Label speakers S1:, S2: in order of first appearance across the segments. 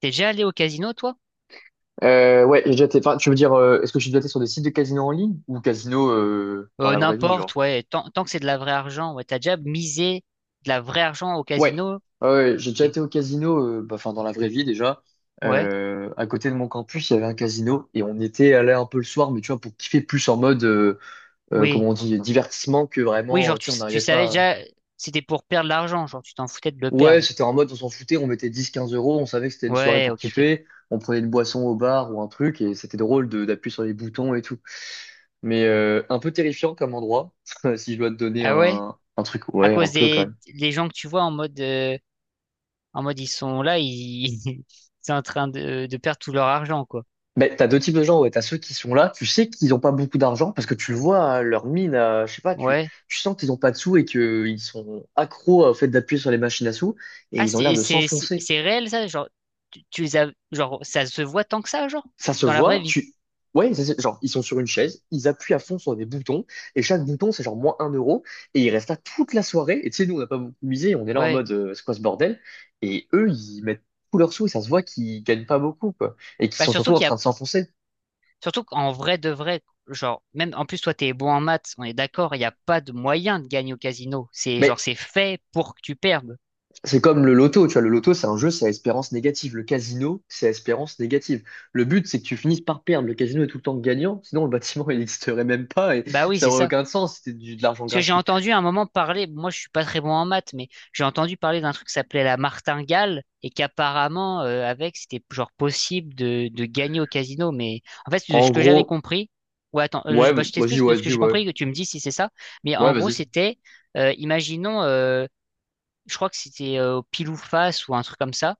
S1: T'es déjà allé au casino, toi?
S2: Ouais, j'ai déjà été. Enfin, tu veux dire, est-ce que j'ai déjà été sur des sites de casino en ligne ou casino dans la vraie vie,
S1: N'importe,
S2: genre?
S1: ouais. Tant que c'est de la vraie argent, ouais. T'as déjà misé de la vraie argent au
S2: Ouais.
S1: casino?
S2: Ah ouais, j'ai déjà
S1: Ok.
S2: été au casino, bah, enfin dans la vraie vie déjà.
S1: Ouais.
S2: À côté de mon campus, il y avait un casino et on était allé un peu le soir, mais tu vois, pour kiffer plus en mode,
S1: Oui.
S2: comment on dit, divertissement que
S1: Oui,
S2: vraiment,
S1: genre,
S2: tu
S1: tu,
S2: sais, on
S1: tu
S2: n'arrivait
S1: savais
S2: pas.
S1: déjà, c'était pour perdre de l'argent, genre, tu t'en foutais de le
S2: Ouais,
S1: perdre.
S2: c'était en mode, on s'en foutait, on mettait 10-15 euros, on savait que c'était une soirée
S1: Ouais,
S2: pour
S1: ok, ok.
S2: kiffer, on prenait une boisson au bar ou un truc et c'était drôle de d'appuyer sur les boutons et tout. Mais un peu terrifiant comme endroit, si je dois te donner
S1: Ah ouais?
S2: un truc,
S1: À
S2: ouais, un
S1: cause
S2: peu quand même.
S1: des gens que tu vois en mode, ils sont là, ils, ils sont en train de perdre tout leur argent, quoi.
S2: Mais t'as deux types de gens, ouais. T'as ceux qui sont là, tu sais qu'ils n'ont pas beaucoup d'argent parce que tu le vois, hein, leur mine, je sais pas, tu,
S1: Ouais.
S2: tu sens qu'ils n'ont pas de sous et qu'ils sont accros au fait d'appuyer sur les machines à sous et
S1: Ah,
S2: ils ont l'air
S1: c'est,
S2: de
S1: c'est, c'est
S2: s'enfoncer.
S1: c'est réel, ça? Genre, tu les as, genre, ça se voit tant que ça, genre?
S2: Ça se
S1: Dans la vraie
S2: voit,
S1: vie.
S2: tu. Ouais, ça, genre, ils sont sur une chaise, ils appuient à fond sur des boutons, et chaque bouton, c'est genre -1 euro, et ils restent là toute la soirée, et tu sais, nous, on n'a pas beaucoup misé, on est là en
S1: Ouais.
S2: mode, c'est quoi ce bordel? Et eux, ils mettent tous leurs sous, et ça se voit qu'ils gagnent pas beaucoup, quoi, et qu'ils
S1: Bah,
S2: sont surtout
S1: surtout
S2: en
S1: qu'il y
S2: train
S1: a
S2: de s'enfoncer.
S1: Surtout qu'en vrai de vrai, genre, même en plus, toi, t'es bon en maths, on est d'accord, il n'y a pas de moyen de gagner au casino. C'est
S2: Mais
S1: genre, c'est fait pour que tu perdes.
S2: c'est comme le loto, tu vois, le loto, c'est un jeu, c'est à espérance négative. Le casino, c'est à espérance négative. Le but, c'est que tu finisses par perdre. Le casino est tout le temps gagnant, sinon le bâtiment, il n'existerait même pas, et
S1: Bah oui,
S2: ça
S1: c'est
S2: aurait
S1: ça.
S2: aucun sens, c'était de l'argent
S1: Parce que j'ai
S2: gratuit.
S1: entendu à un moment parler, moi je suis pas très bon en maths, mais j'ai entendu parler d'un truc qui s'appelait la martingale et qu'apparemment, avec, c'était genre possible de gagner au casino. Mais en fait, de ce
S2: En
S1: que j'avais
S2: gros.
S1: compris, ouais, attends,
S2: Ouais,
S1: je bah, je
S2: vas-y,
S1: t'explique de
S2: ouais,
S1: ce que
S2: dis,
S1: j'ai
S2: ouais.
S1: compris, que tu me dis si c'est ça. Mais
S2: Ouais,
S1: en gros,
S2: vas-y.
S1: c'était, imaginons, je crois que c'était au pile ou face ou un truc comme ça.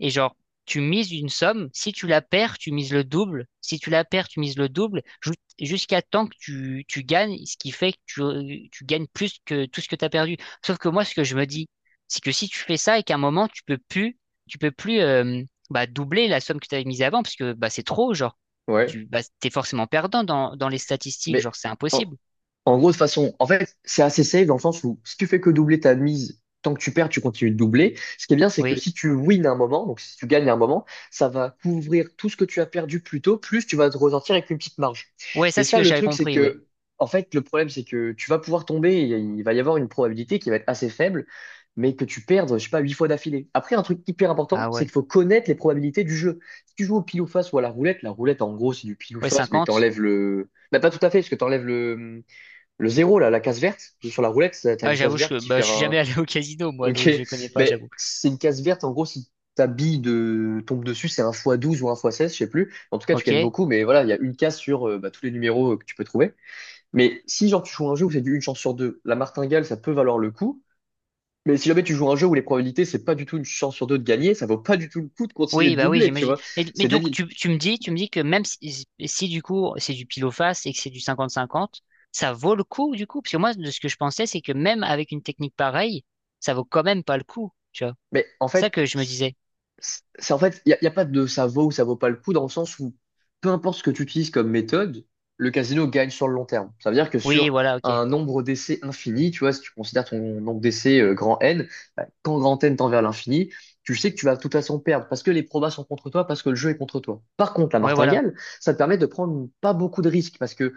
S1: Et genre, tu mises une somme, si tu la perds, tu mises le double, si tu la perds, tu mises le double, jusqu'à temps que tu gagnes, ce qui fait que tu gagnes plus que tout ce que tu as perdu. Sauf que moi, ce que je me dis, c'est que si tu fais ça et qu'à un moment, tu peux plus bah, doubler la somme que tu avais mise avant, parce que bah, c'est trop, genre,
S2: Ouais.
S1: tu bah, t'es forcément perdant dans, dans les statistiques,
S2: Mais
S1: genre, c'est
S2: en,
S1: impossible.
S2: En gros, de façon, en fait, c'est assez safe dans le sens où si tu fais que doubler ta mise, tant que tu perds, tu continues de doubler. Ce qui est bien, c'est que
S1: Oui.
S2: si tu wins un moment, donc si tu gagnes un moment, ça va couvrir tout ce que tu as perdu plus tôt, plus tu vas te ressortir avec une petite marge.
S1: Ouais, ça,
S2: Mais
S1: c'est ce
S2: ça,
S1: que
S2: le
S1: j'avais
S2: truc, c'est
S1: compris, oui.
S2: que, en fait, le problème, c'est que tu vas pouvoir tomber, et il va y avoir une probabilité qui va être assez faible, mais que tu perdes, je sais pas, 8 fois d'affilée. Après, un truc hyper important,
S1: Ah
S2: c'est qu'il
S1: ouais.
S2: faut connaître les probabilités du jeu. Si tu joues au pile ou face ou à la roulette, en gros, c'est du pile ou
S1: Ouais,
S2: face, mais
S1: 50.
S2: t'enlèves le... Bah, pas tout à fait, parce que t'enlèves le zéro, là, la case verte, sur la roulette, t'as
S1: Ah,
S2: une case
S1: j'avoue,
S2: verte
S1: je,
S2: qui
S1: bah,
S2: fait
S1: je suis
S2: un...
S1: jamais allé au casino, moi,
S2: Ok,
S1: donc je connais pas,
S2: mais
S1: j'avoue.
S2: c'est une case verte, en gros, si ta bille de... tombe dessus, c'est un x12 ou un x16, je sais plus. En tout cas, tu
S1: Ok.
S2: gagnes beaucoup, mais voilà, il y a une case sur bah, tous les numéros que tu peux trouver. Mais si, genre, tu joues un jeu où c'est du une chance sur deux, la martingale, ça peut valoir le coup. Mais si jamais tu joues un jeu où les probabilités, c'est pas du tout une chance sur deux de gagner, ça vaut pas du tout le coup de continuer
S1: Oui,
S2: de
S1: bah oui,
S2: doubler, tu
S1: j'imagine.
S2: vois.
S1: Et- Mais
S2: C'est
S1: donc,
S2: débile.
S1: tu me dis, tu me dis que même si, si si du coup, c'est du pile ou face et que c'est du 50-50, ça vaut le coup, du coup? Parce que moi, de ce que je pensais, c'est que même avec une technique pareille, ça vaut quand même pas le coup, tu vois.
S2: Mais en
S1: C'est ça
S2: fait,
S1: que je me disais.
S2: c'est y a pas de ça vaut ou ça vaut pas le coup dans le sens où peu importe ce que tu utilises comme méthode, le casino gagne sur le long terme. Ça veut dire que
S1: Oui,
S2: sur
S1: voilà, ok.
S2: un nombre d'essais infini, tu vois, si tu considères ton nombre d'essais grand N, bah, quand grand N tend vers l'infini, tu sais que tu vas de toute façon perdre parce que les probas sont contre toi, parce que le jeu est contre toi. Par contre, la
S1: Ouais, voilà.
S2: martingale, ça te permet de prendre pas beaucoup de risques parce que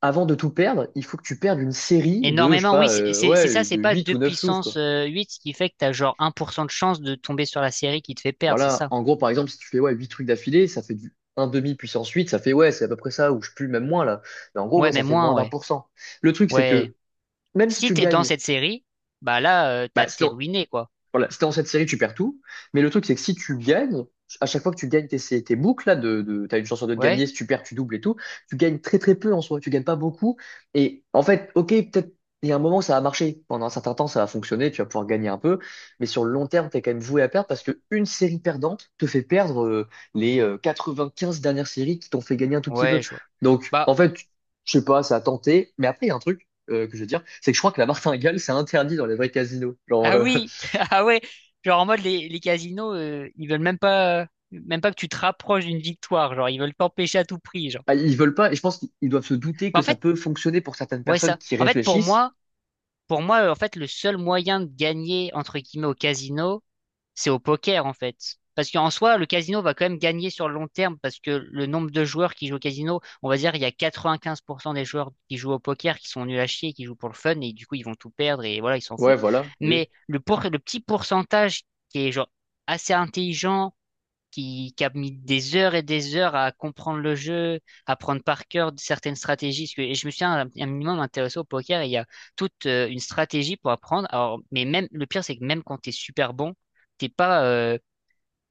S2: avant de tout perdre, il faut que tu perdes une série de, je sais
S1: Énormément, oui,
S2: pas,
S1: c'est ça,
S2: ouais, de
S1: c'est pas
S2: 8
S1: 2
S2: ou 9 looses,
S1: puissance
S2: quoi.
S1: 8 ce qui fait que t'as genre un pour cent de chance de tomber sur la série qui te fait perdre, c'est
S2: Voilà,
S1: ça?
S2: en gros, par exemple, si tu fais ouais, 8 trucs d'affilée, ça fait du un demi puissance 8 ça fait ouais, c'est à peu près ça, ou je pue même moins là. Mais en gros,
S1: Ouais,
S2: ouais, ça
S1: mais
S2: fait
S1: moins,
S2: moins d'un
S1: ouais.
S2: pour cent. Le truc, c'est
S1: Ouais.
S2: que même si
S1: Si
S2: tu
S1: t'es dans
S2: gagnes,
S1: cette série, bah là, t'as,
S2: bah,
S1: t'es ruiné, quoi.
S2: voilà, si t'es dans cette série, tu perds tout. Mais le truc, c'est que si tu gagnes, à chaque fois que tu gagnes tes boucles, là, t'as une chance sur deux de
S1: Ouais,
S2: gagner, si tu perds, tu doubles et tout, tu gagnes très très peu en soi, tu gagnes pas beaucoup. Et en fait, ok, peut-être, il y a un moment, ça va marcher. Pendant un certain temps, ça va fonctionner, tu vas pouvoir gagner un peu. Mais sur le long terme, t'es quand même voué à perdre parce que une série perdante te fait perdre les 95 dernières séries qui t'ont fait gagner un tout petit
S1: ouais,
S2: peu.
S1: je vois.
S2: Donc, en
S1: Bah.
S2: fait, je sais pas, ça a tenté. Mais après, il y a un truc. Que je veux dire, c'est que je crois que la martingale, c'est interdit dans les vrais casinos. Genre,
S1: Ah oui, ah ouais, genre en mode les casinos, ils veulent même pas que tu te rapproches d'une victoire, genre ils veulent t'empêcher à tout prix, genre.
S2: Ah, ils veulent pas, et je pense qu'ils doivent se douter que
S1: Mais en
S2: ça
S1: fait,
S2: peut fonctionner pour certaines
S1: ouais
S2: personnes
S1: ça.
S2: qui
S1: En fait
S2: réfléchissent.
S1: pour moi en fait le seul moyen de gagner entre guillemets au casino, c'est au poker en fait. Parce qu'en soi, le casino va quand même gagner sur le long terme parce que le nombre de joueurs qui jouent au casino, on va dire, il y a 95% des joueurs qui jouent au poker qui sont nuls à chier, qui jouent pour le fun et du coup, ils vont tout perdre et voilà, ils s'en
S2: Ouais,
S1: foutent.
S2: voilà, oui.
S1: Mais le, le petit pourcentage qui est genre assez intelligent, qui a mis des heures et des heures à comprendre le jeu, à prendre par cœur certaines stratégies. Parce que- et je me suis un minimum intéressé au poker et il y a toute une stratégie pour apprendre. Alors, mais même, le pire, c'est que même quand t'es super bon, t'es pas,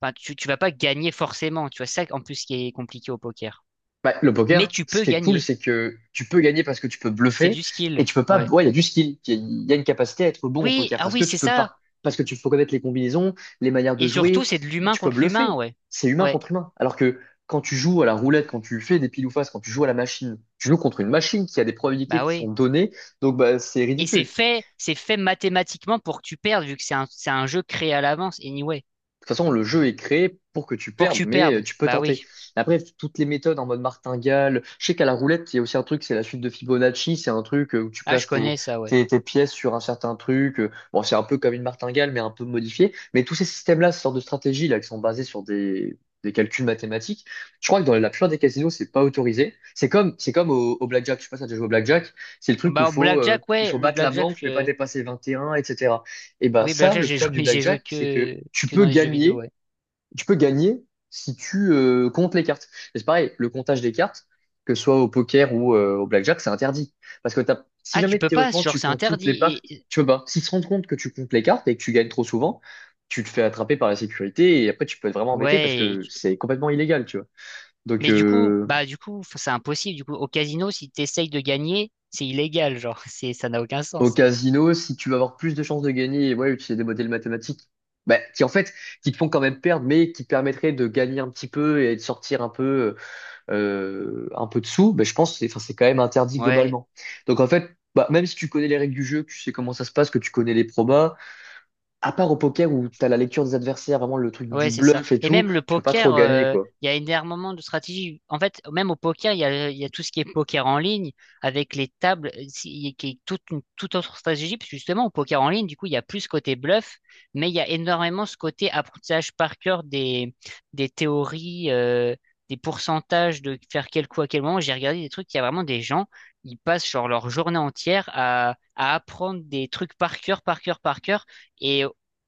S1: enfin, tu vas pas gagner forcément. Tu vois, ça, en plus, qui est compliqué au poker.
S2: Bah, le
S1: Mais
S2: poker,
S1: tu
S2: ce
S1: peux
S2: qui est cool,
S1: gagner.
S2: c'est que tu peux gagner parce que tu peux
S1: C'est
S2: bluffer
S1: du
S2: et
S1: skill.
S2: tu peux pas.
S1: Ouais.
S2: Ouais, il y a du skill, il y a une capacité à être bon au
S1: Oui,
S2: poker
S1: ah
S2: parce
S1: oui,
S2: que
S1: c'est ça.
S2: parce que tu faut connaître les combinaisons, les manières de
S1: Et surtout,
S2: jouer.
S1: c'est de l'humain
S2: Tu peux
S1: contre l'humain,
S2: bluffer.
S1: ouais.
S2: C'est humain
S1: Ouais.
S2: contre humain. Alors que quand tu joues à la roulette, quand tu fais des pile ou face, quand tu joues à la machine, tu joues contre une machine qui a des probabilités
S1: Bah
S2: qui
S1: oui.
S2: sont données. Donc bah, c'est
S1: Et
S2: ridicule.
S1: c'est fait mathématiquement pour que tu perdes, vu que c'est un jeu créé à l'avance, anyway.
S2: Toute façon, le jeu est créé pour que tu
S1: Pour que
S2: perdes,
S1: tu
S2: mais
S1: perdes.
S2: tu peux
S1: Bah
S2: tenter.
S1: oui.
S2: Après, toutes les méthodes en mode martingale, je sais qu'à la roulette, il y a aussi un truc, c'est la suite de Fibonacci, c'est un truc où tu
S1: Ah, je
S2: places tes,
S1: connais ça, ouais.
S2: tes, tes pièces sur un certain truc. Bon, c'est un peu comme une martingale, mais un peu modifié. Mais tous ces systèmes-là, ces sortes de stratégies là, qui sont basées sur des calculs mathématiques, je crois que dans la plupart des casinos, c'est pas autorisé. C'est comme au blackjack, je sais pas si tu as déjà joué au blackjack, c'est le truc où
S1: Bah, au
S2: faut,
S1: Blackjack,
S2: il
S1: ouais,
S2: faut
S1: le
S2: battre la
S1: Blackjack,
S2: banque, mais pas dépasser 21, etc. Et ben
S1: oui,
S2: ça,
S1: Blackjack,
S2: le
S1: j'ai
S2: problème du
S1: joué,
S2: blackjack, c'est que
S1: que dans les jeux vidéo, ouais.
S2: tu peux gagner si tu comptes les cartes. Et c'est pareil, le comptage des cartes, que ce soit au poker ou au blackjack, c'est interdit. Parce que si
S1: Ah, tu
S2: jamais
S1: peux pas,
S2: théoriquement
S1: genre,
S2: tu
S1: c'est
S2: comptes toutes les
S1: interdit. et-
S2: cartes,
S1: et-
S2: tu peux pas. S'ils se rendent compte que tu comptes les cartes et que tu gagnes trop souvent, tu te fais attraper par la sécurité et après tu peux être vraiment embêté parce
S1: ouais.
S2: que c'est complètement illégal, tu vois. Donc
S1: Mais du coup, bah, du coup, enfin, c'est impossible. Du coup, au casino, si t'essayes de gagner, c'est illégal, genre, c'est, ça n'a aucun
S2: au
S1: sens.
S2: casino, si tu vas avoir plus de chances de gagner, et ouais, utiliser des modèles mathématiques, bah, qui en fait, qui te font quand même perdre, mais qui te permettraient de gagner un petit peu et de sortir un peu de sous, bah, je pense que c'est, enfin, c'est quand même interdit
S1: Ouais.
S2: globalement. Donc en fait, bah, même si tu connais les règles du jeu, que tu sais comment ça se passe, que tu connais les probas, à part au poker où t'as la lecture des adversaires, vraiment le truc
S1: Ouais,
S2: du
S1: c'est ça.
S2: bluff et
S1: Et
S2: tout,
S1: même le
S2: tu peux pas trop
S1: poker,
S2: gagner, quoi.
S1: il y a énormément de stratégies. En fait, même au poker, il y a tout ce qui est poker en ligne avec les tables, qui est toute une toute autre stratégie. Parce que justement, au poker en ligne, du coup, il y a plus ce côté bluff, mais il y a énormément ce côté apprentissage par cœur des théories, des pourcentages de faire quel coup à quel moment. J'ai regardé des trucs, il y a vraiment des gens, ils passent genre leur journée entière à apprendre des trucs par cœur, par cœur, par cœur. Et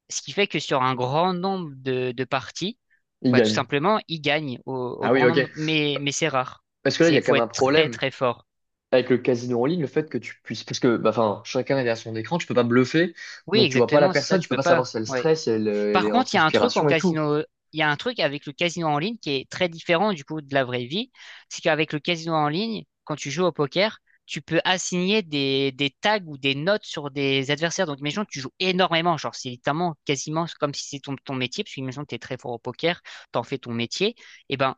S1: ce qui fait que sur un grand nombre de parties,
S2: Ils
S1: bah, tout
S2: gagnent.
S1: simplement, il gagne au, au
S2: Ah oui,
S1: grand
S2: ok.
S1: nombre. Mais c'est rare.
S2: Parce que là, il y
S1: C'est,
S2: a quand
S1: faut
S2: même un
S1: être très
S2: problème
S1: très fort.
S2: avec le casino en ligne, le fait que tu puisses, parce que, bah, enfin, chacun est derrière son écran, tu peux pas bluffer,
S1: Oui,
S2: donc tu vois pas la
S1: exactement, c'est ça,
S2: personne, tu
S1: tu
S2: peux
S1: peux
S2: pas
S1: pas.
S2: savoir si elle
S1: Ouais.
S2: stresse, si elle, elle
S1: Par
S2: est en
S1: contre, il y a un truc en
S2: transpiration et tout.
S1: casino, il y a un truc avec le casino en ligne qui est très différent du coup de la vraie vie. C'est qu'avec le casino en ligne, quand tu joues au poker, tu peux assigner des tags ou des notes sur des adversaires. Donc, imagine, tu joues énormément. Genre, c'est littéralement quasiment comme si c'était ton, ton métier, parce que imagine, tu es très fort au poker, t'en fais ton métier. Et ben,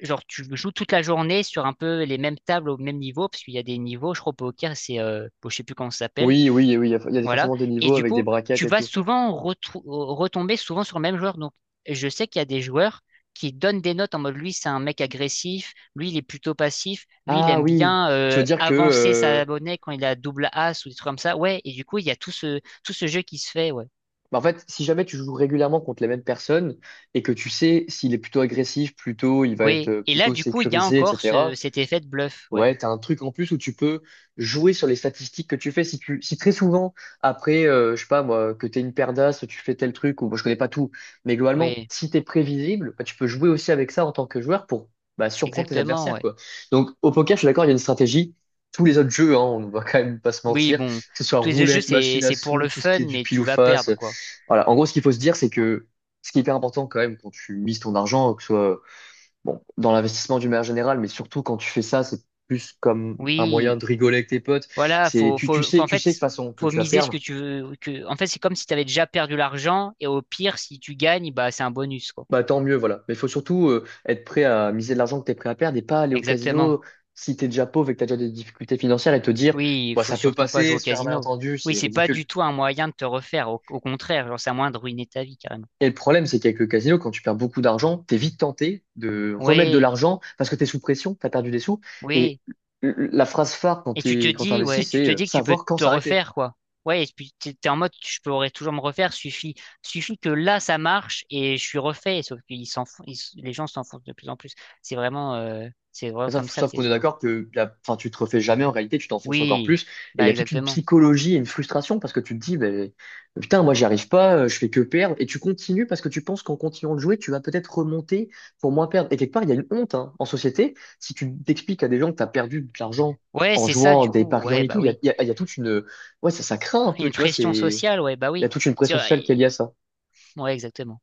S1: genre, tu joues toute la journée sur un peu les mêmes tables au même niveau, parce qu'il y a des niveaux, je crois, au poker, c'est, bon, je sais plus comment ça s'appelle.
S2: Oui, oui, oui, il y a
S1: Voilà.
S2: forcément des
S1: Et
S2: niveaux
S1: du
S2: avec des
S1: coup,
S2: braquettes
S1: tu
S2: et
S1: vas
S2: tout.
S1: souvent retomber souvent sur le même joueur. Donc, je sais qu'il y a des joueurs qui donnent des notes en mode, lui, c'est un mec agressif, lui, il est plutôt passif, lui, il
S2: Ah
S1: aime
S2: oui,
S1: bien
S2: tu veux dire que,
S1: avancer sa monnaie quand il a double as ou des trucs comme ça. Ouais, et du coup, il y a tout ce jeu qui se fait, ouais.
S2: bah, en fait, si jamais tu joues régulièrement contre les mêmes personnes et que tu sais s'il est plutôt agressif, plutôt, il va être
S1: Oui. Et là,
S2: plutôt
S1: du coup, il y a
S2: sécurisé,
S1: encore ce,
S2: etc.
S1: cet effet de bluff, ouais.
S2: Ouais, t'as un truc en plus où tu peux jouer sur les statistiques que tu fais. Si tu, si très souvent, après, je sais pas moi, que t'es une paire d'as, tu fais tel truc, ou bon, je connais pas tout, mais globalement,
S1: Oui,
S2: si t'es prévisible, bah, tu peux jouer aussi avec ça en tant que joueur pour bah, surprendre tes
S1: exactement,
S2: adversaires,
S1: ouais.
S2: quoi. Donc, au poker, je suis d'accord, il y a une stratégie. Tous les autres jeux, hein, on ne va quand même pas se
S1: Oui,
S2: mentir, que
S1: bon,
S2: ce soit
S1: tous les jeux,
S2: roulette, machine à
S1: c'est pour
S2: sous,
S1: le
S2: tout ce
S1: fun,
S2: qui est du
S1: mais
S2: pile
S1: tu
S2: ou
S1: vas
S2: face.
S1: perdre, quoi.
S2: Voilà. En gros, ce qu'il faut se dire, c'est que ce qui est hyper important quand même quand tu mises ton argent, que ce soit bon, dans l'investissement d'une manière générale, mais surtout quand tu fais ça, c'est plus comme un moyen
S1: Oui,
S2: de rigoler avec tes potes.
S1: voilà,
S2: C'est, tu,
S1: en
S2: tu sais de toute
S1: fait,
S2: façon que
S1: faut
S2: tu vas
S1: miser ce que
S2: perdre.
S1: tu veux. Que, en fait, c'est comme si tu avais déjà perdu l'argent, et au pire, si tu gagnes, bah, c'est un bonus, quoi.
S2: Bah, tant mieux, voilà. Mais il faut surtout être prêt à miser de l'argent que tu es prêt à perdre et pas aller au
S1: Exactement.
S2: casino si tu es déjà pauvre et que tu as déjà des difficultés financières et te dire,
S1: Oui, il
S2: bah,
S1: faut
S2: ça peut
S1: surtout pas
S2: passer
S1: jouer au
S2: sur un
S1: casino.
S2: malentendu,
S1: Oui,
S2: c'est
S1: c'est pas du
S2: ridicule.
S1: tout un moyen de te refaire, au, au contraire, genre, c'est un moyen de ruiner ta vie, carrément.
S2: Et le problème, c'est qu'avec le casino, quand tu perds beaucoup d'argent, t'es vite tenté de remettre de
S1: Oui,
S2: l'argent parce que t'es sous pression, t'as perdu des sous. Et
S1: oui.
S2: la phrase phare quand
S1: Et tu te
S2: t'es, quand
S1: dis, ouais,
S2: t'investis,
S1: tu
S2: c'est
S1: te dis que tu peux
S2: savoir quand
S1: te
S2: s'arrêter.
S1: refaire, quoi. Ouais, et puis t'es en mode, je pourrais toujours me refaire, suffit, suffit que là, ça marche et je suis refait. Sauf qu'ils s'enfoncent, les gens s'enfoncent de plus en plus. C'est vraiment
S2: Mais
S1: comme
S2: Sauf,
S1: ça, le
S2: sauf qu'on est
S1: casino.
S2: d'accord que la, enfin, tu te refais jamais en réalité, tu t'enfonces encore
S1: Oui,
S2: plus. Et il
S1: bah,
S2: y a toute une
S1: exactement.
S2: psychologie et une frustration parce que tu te dis, ben, putain, moi j'y arrive pas, je fais que perdre. Et tu continues parce que tu penses qu'en continuant de jouer, tu vas peut-être remonter pour moins perdre. Et quelque part, il y a une honte hein, en société. Si tu t'expliques à des gens que tu as perdu de l'argent
S1: Ouais,
S2: en
S1: c'est ça,
S2: jouant
S1: du
S2: des
S1: coup.
S2: paris en
S1: Ouais,
S2: ligne et tout,
S1: bah oui.
S2: il y a toute une... Ouais, ça craint un peu,
S1: Une
S2: tu vois,
S1: pression
S2: c'est...
S1: sociale, ouais, bah
S2: Il y a
S1: oui.
S2: toute une
S1: C'est
S2: pression sociale
S1: vrai.
S2: qui est liée à ça.
S1: Ouais, exactement.